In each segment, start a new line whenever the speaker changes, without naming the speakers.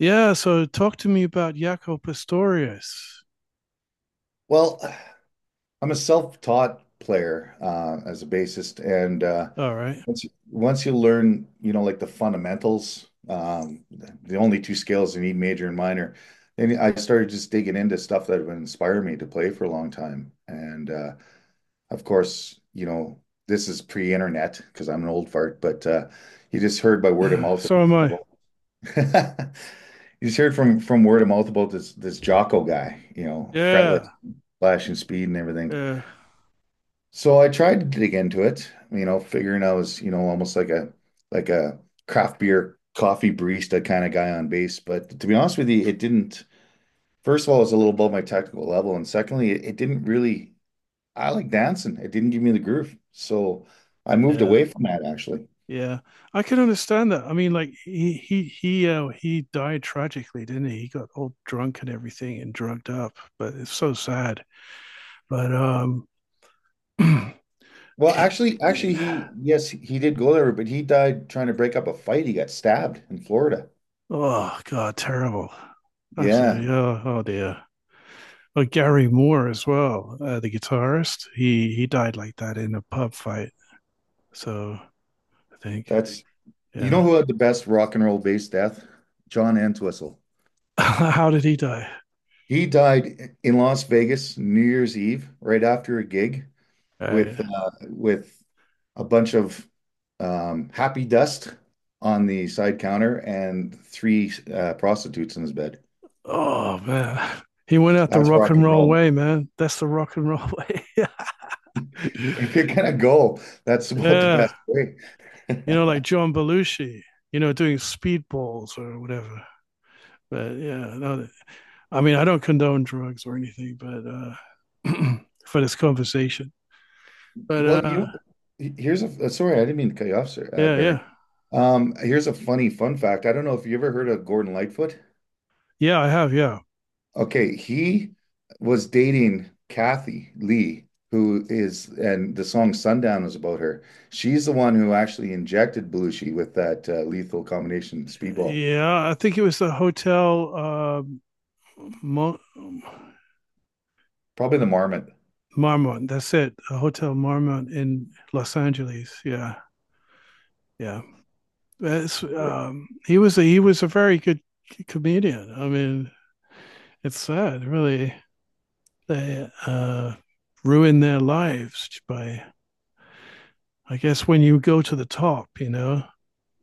Yeah, so talk to me about Jaco Pastorius.
Well, I'm a self-taught player as a bassist, and uh,
All right.
once you, once you learn, you know, like the fundamentals, the only two scales you need, major and minor. And I started just digging into stuff that would inspire me to play for a long time. And Of course, you know, this is pre-internet because I'm an old fart, but you just heard by word of mouth
So am I.
about you just heard from word of mouth about this Jocko guy, you know, fretless,
Yeah.
flashing speed and everything.
Yeah.
So I tried to dig into it, you know, figuring I was, you know, almost like a craft beer coffee barista kind of guy on base. But to be honest with you, it didn't. First of all, it was a little above my technical level, and secondly, it didn't really. I like dancing. It didn't give me the groove, so I moved
Yeah.
away from that actually.
Yeah. I can understand that. I mean, like he died tragically, didn't he? He got all drunk and everything and drugged up, but it's so sad. But
Well, actually, actually, he yes, he did go there, but he died trying to break up a fight. He got stabbed in Florida.
oh God, terrible.
Yeah,
Absolutely. Oh, oh dear. Oh, Gary Moore as well, the guitarist. He died like that in a pub fight. So I think
that's you know
yeah.
who had the best rock and roll bass death? John Entwistle.
How did he die?
He died in Las Vegas New Year's Eve, right after a gig
Right.
with a bunch of happy dust on the side counter and three prostitutes in his bed.
Oh man. He went out the
That's
rock
rock
and
and
roll
roll,
way, man. That's the rock and roll way.
man.
Yeah.
If you're gonna go, that's about the
Yeah.
best way.
You know, like John Belushi, you know, doing speedballs or whatever. But yeah, no, I mean, I don't condone drugs or anything, but for this conversation. But
Well, you know, here's a sorry, I didn't mean to cut you off, sir,
yeah, yeah.
Baron. Here's a funny fun fact. I don't know if you ever heard of Gordon Lightfoot.
Yeah, I have. Yeah.
Okay, he was dating Kathy Lee, who is, and the song Sundown was about her. She's the one who actually injected Belushi with that lethal combination speedball,
Yeah. I think it was the hotel. Mon-
probably the Marmot.
Marmont. That's it. A Hotel Marmont in Los Angeles. Yeah, yeah. That's
Sure.
he was a very good comedian. I mean, it's sad, really. They ruin their lives by, I guess, when you go to the top. You know,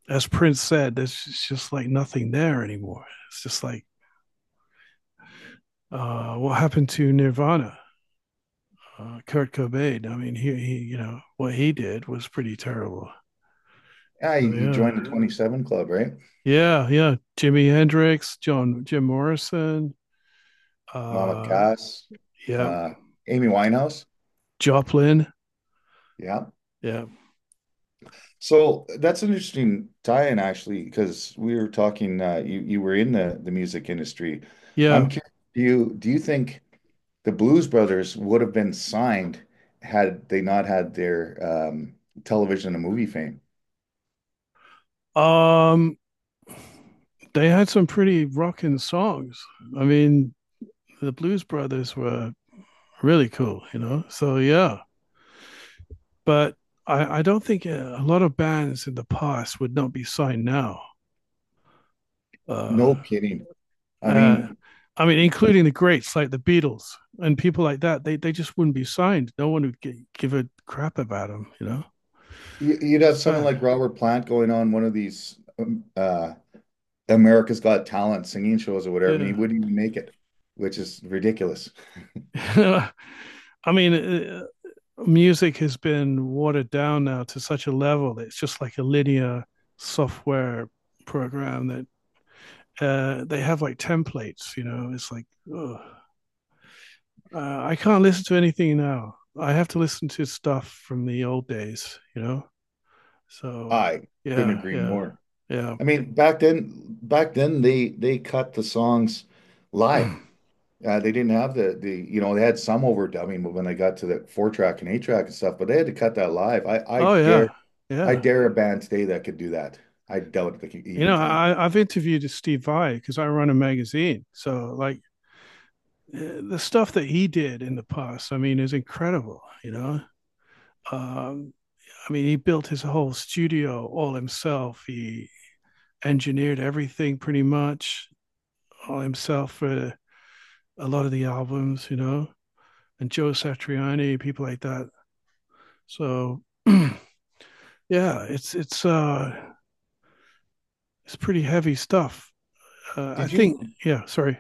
as Prince said, there's just like nothing there anymore. It's just like what happened to Nirvana. Kurt Cobain. I mean, you know, what he did was pretty terrible.
Yeah,
So
he joined
yeah,
the Yeah. 27 Club, right?
yeah, yeah. Jimi Hendrix, John Jim Morrison,
Mama
uh
Cass,
yeah,
uh, Amy Winehouse.
Joplin.
Yeah.
Yeah.
So that's an interesting tie-in actually, because we were talking uh, you were in the music industry.
Yeah.
I'm curious, do you think the Blues Brothers would have been signed had they not had their um, television and movie fame?
Um they had some pretty rocking songs. I mean, the Blues Brothers were really cool, you know. So yeah, but I don't think a lot of bands in the past would not be signed now.
No
Uh,
kidding. I
uh,
mean,
I mean, including the greats like the Beatles and people like that. They just wouldn't be signed. No one would give a crap about them, you know.
you'd have someone
Sad.
like Robert Plant going on one of these America's Got Talent singing shows or whatever, and he
Yeah.
wouldn't even make it, which is ridiculous.
I mean, music has been watered down now to such a level that it's just like a linear software program that they have like templates, you know, it's like, ugh. I can't listen to anything now. I have to listen to stuff from the old days, you know? So,
I couldn't
yeah,
agree
yeah,
more.
yeah.
I mean, back then they cut the songs live. They didn't have the you know they had some overdubbing, but when they got to the four track and eight track and stuff, but they had to cut that live. I I
Oh,
dare
yeah,
I
yeah.
dare a band today that could do that. I doubt they
You
even
know,
can.
I, I've interviewed Steve Vai because I run a magazine. So, like, the stuff that he did in the past, I mean, is incredible. You know, um, I mean, he built his whole studio all himself. He engineered everything pretty much all himself for a lot of the albums. You know, and Joe Satriani, people like that. So, yeah, it's it's uh, it's pretty heavy stuff. I
Did you?
think, yeah. Sorry.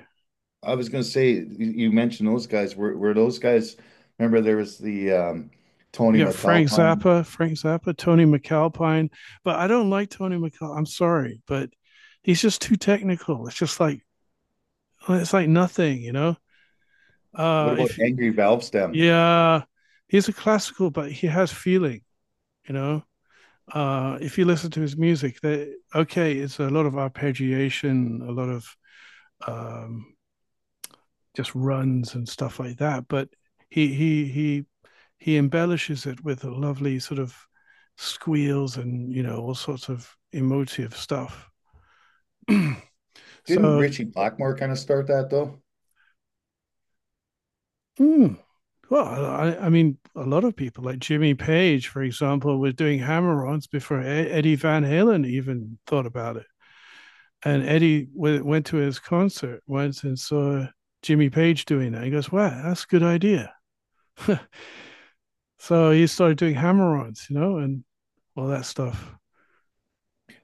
I was gonna say you you mentioned those guys. Were those guys? Remember there was the Tony
You got
McAlpine.
Frank Zappa, Tony McAlpine, but I don't like Tony McAlpine. I'm sorry, but he's just too technical. It's just like it's like nothing, you know.
What about
If
Angry Valve Stem?
yeah, he's a classical, but he has feeling, you know. If you listen to his music, that okay, it's a lot of arpeggiation, a lot of um, just runs and stuff like that, but he he he he embellishes it with a lovely sort of squeals and you know all sorts of emotive stuff.
Didn't
So,
Richie Blackmore kind of start that though?
mm, well, I mean, a lot of people like Jimmy Page, for example, was doing hammer-ons before Eddie Van Halen even thought about it. And Eddie went to his concert once and saw Jimmy Page doing that. He goes, "Wow, that's a good idea." So he started doing hammer-ons, you know, and all that stuff.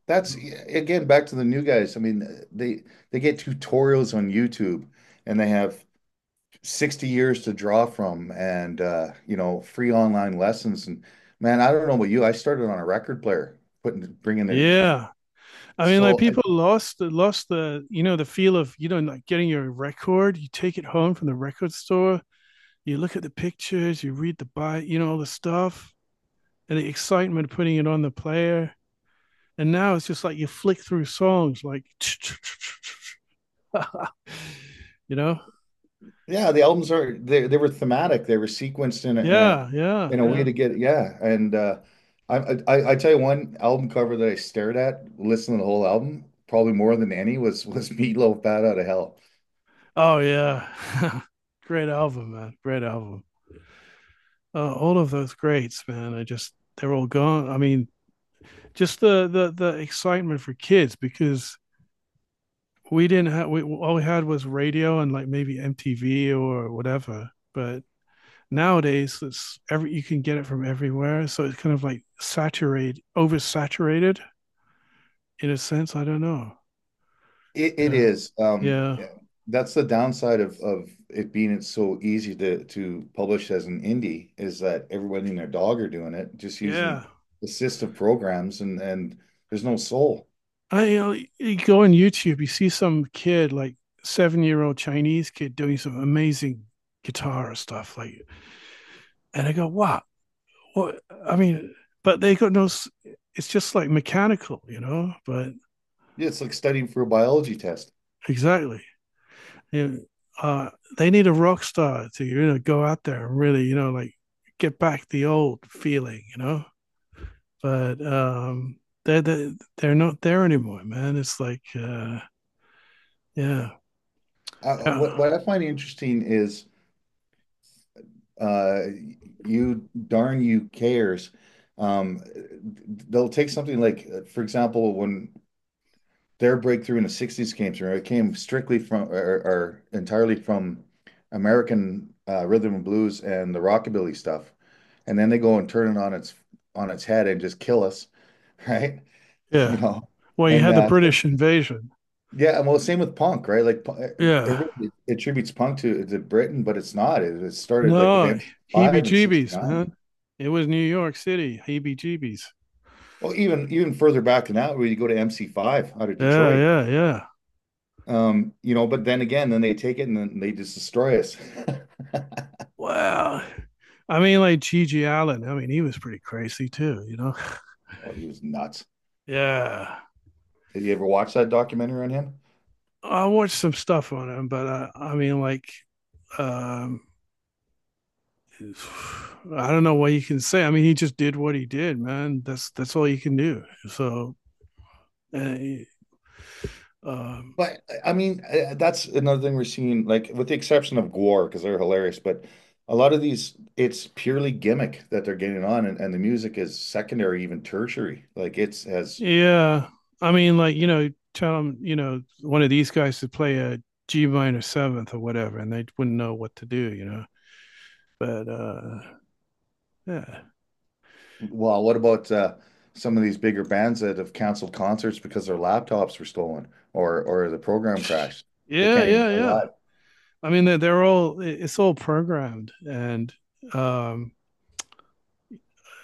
That's yeah, again back to the new guys. I mean, they get tutorials on YouTube and they have 60 years to draw from and you know, free online lessons and man, I don't know about you. I started on a record player, putting bringing the
Yeah. I mean, like
so.
people lost the, you know, the feel of, you know, like getting your record, you take it home from the record store, you look at the pictures, you read the bite, you know, all the stuff and the excitement of putting it on the player. And now it's just like you flick through songs like, you know?
Yeah, the albums are they were thematic. They were sequenced in a in a
Yeah, yeah,
in a Yeah. way
yeah.
to get yeah. And I, I tell you one album cover that I stared at listening to the whole album probably more than any was Meatloaf Bad Out of Hell.
Oh yeah. Great album, man. Great album. All of those greats, man. I just they're all gone. I mean, just the excitement for kids because we didn't have we all we had was radio and like maybe MTV or whatever. But nowadays it's every you can get it from everywhere, so it's kind of like saturated, oversaturated in a sense. I don't know.
It
Yeah.
is
Yeah.
yeah, that's the downside of it being it's so easy to publish as an indie is that everybody and their dog are doing it just
Yeah.
using assistive programs and there's no soul.
I you go on YouTube, you see some kid, like 7 year old Chinese kid, doing some amazing guitar stuff, like, and I go, "Wow, what?" I mean, but they got no. It's just like mechanical, you know. But
Yeah, it's like studying for a biology test.
exactly, you know, uh, they need a rock star to you know go out there and really, you know, like get back the old feeling, you know. But they're not there anymore, man. It's like, yeah, yeah,
What I find interesting is uh, you darn you cares. Um, they'll take something like, for example, when their breakthrough in the '60s came through, it came strictly from or entirely from American rhythm and blues and the rockabilly stuff, and then they go and turn it on its head and just kill us, right? You
yeah.
know,
Well, you
and
had the British invasion.
yeah, and well, same with punk, right? Like
Yeah.
everybody attributes punk to Britain, but it's not. It started like with
No, heebie
MC5 and
jeebies,
69.
man. It was New York City, heebie jeebies.
Well, even even further back than that, we go to MC5 out of
Yeah,
Detroit.
yeah, yeah.
You know, but then again, then they take it and then they just destroy us.
Wow. I mean, like Gigi Allen. I mean, he was pretty crazy too, you know?
Well, he was nuts.
Yeah.
Did you ever watch that documentary on him?
I watched some stuff on him, but I mean, like, um, I don't know what you can say. I mean, he just did what he did, man. That's all you can do. So, uh, um,
But I mean, that's another thing we're seeing, like with the exception of Gwar, because they're hilarious, but a lot of these, it's purely gimmick that they're getting on, and the music is secondary, even tertiary. Like it's as
yeah. I mean, like, you know, tell them, you know, one of these guys to play a G minor seventh or whatever, and they wouldn't know what to do, you know. But yeah.
well, what about some of these bigger bands that have canceled concerts because their laptops were stolen or the program crashed? They
Yeah,
can't even
yeah,
play
yeah.
live.
I mean, they're all it's all programmed, and um,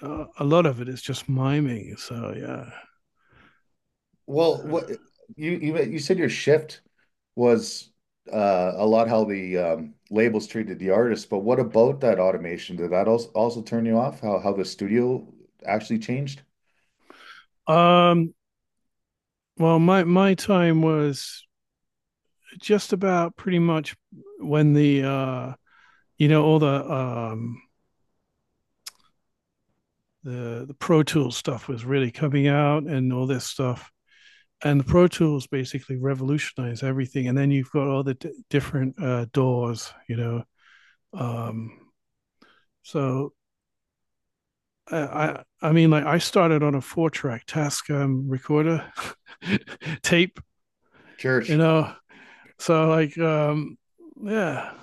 a lot of it is just miming. So yeah.
Well, what you said your shift was a lot how the labels treated the artists, but what about that automation? Did that also turn you off? How the studio actually changed?
Yeah. Well, my time was just about pretty much when the you know, all the Pro Tools stuff was really coming out and all this stuff. And the Pro Tools basically revolutionized everything. And then you've got all the different doors, you know. Um, so I mean like I started on a four track Tascam recorder tape, you
Church,
know. So like yeah,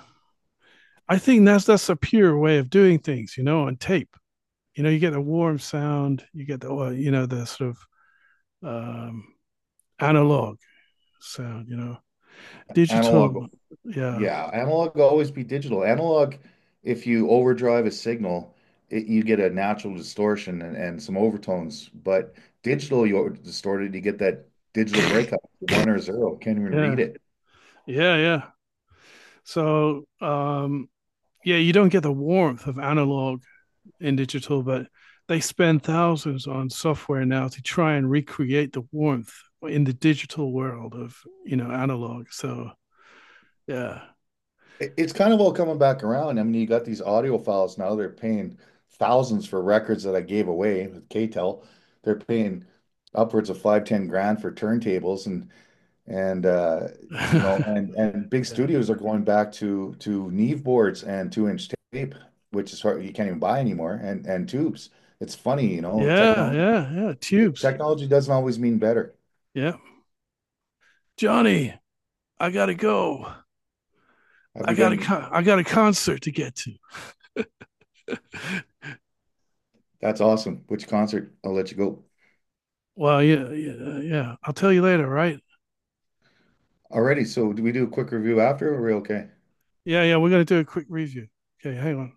I think that's a pure way of doing things, you know, on tape. You know, you get the warm sound, you get the well, you know the sort of um, analog sound, you know, digital.
analog,
Yeah.
yeah, analog will always be digital. Analog, if you overdrive a signal, it, you get a natural distortion and some overtones. But digital, you're distorted, you get that digital breakup, one or zero, can't even read
Yeah.
it.
Yeah. Yeah. So, yeah, you don't get the warmth of analog in digital, but they spend thousands on software now to try and recreate the warmth in the digital world of, you know, analog. So, yeah.
It- it's kind of all coming back around. I mean, you got these audio files now. They're paying thousands for records that I gave away with KTEL. They're paying upwards of five, 10 grand for turntables and you know
Yeah.
and big studios are going back to Neve boards and two-inch tape, which is hard, you can't even buy anymore, and tubes. It's funny, you know,
Yeah.
technology
Yeah. Yeah. Tubes.
technology doesn't always mean better.
Yeah. Johnny, I got to go.
Have
I
you
got a
been?
I got a concert to get to.
That's awesome. Which concert? I'll let you go.
Well, yeah, yeah, yeah. I'll tell you later, right?
Alrighty, so do we do a quick review after or are we okay?
Yeah, yeah, we're gonna do a quick review. Okay, hang on.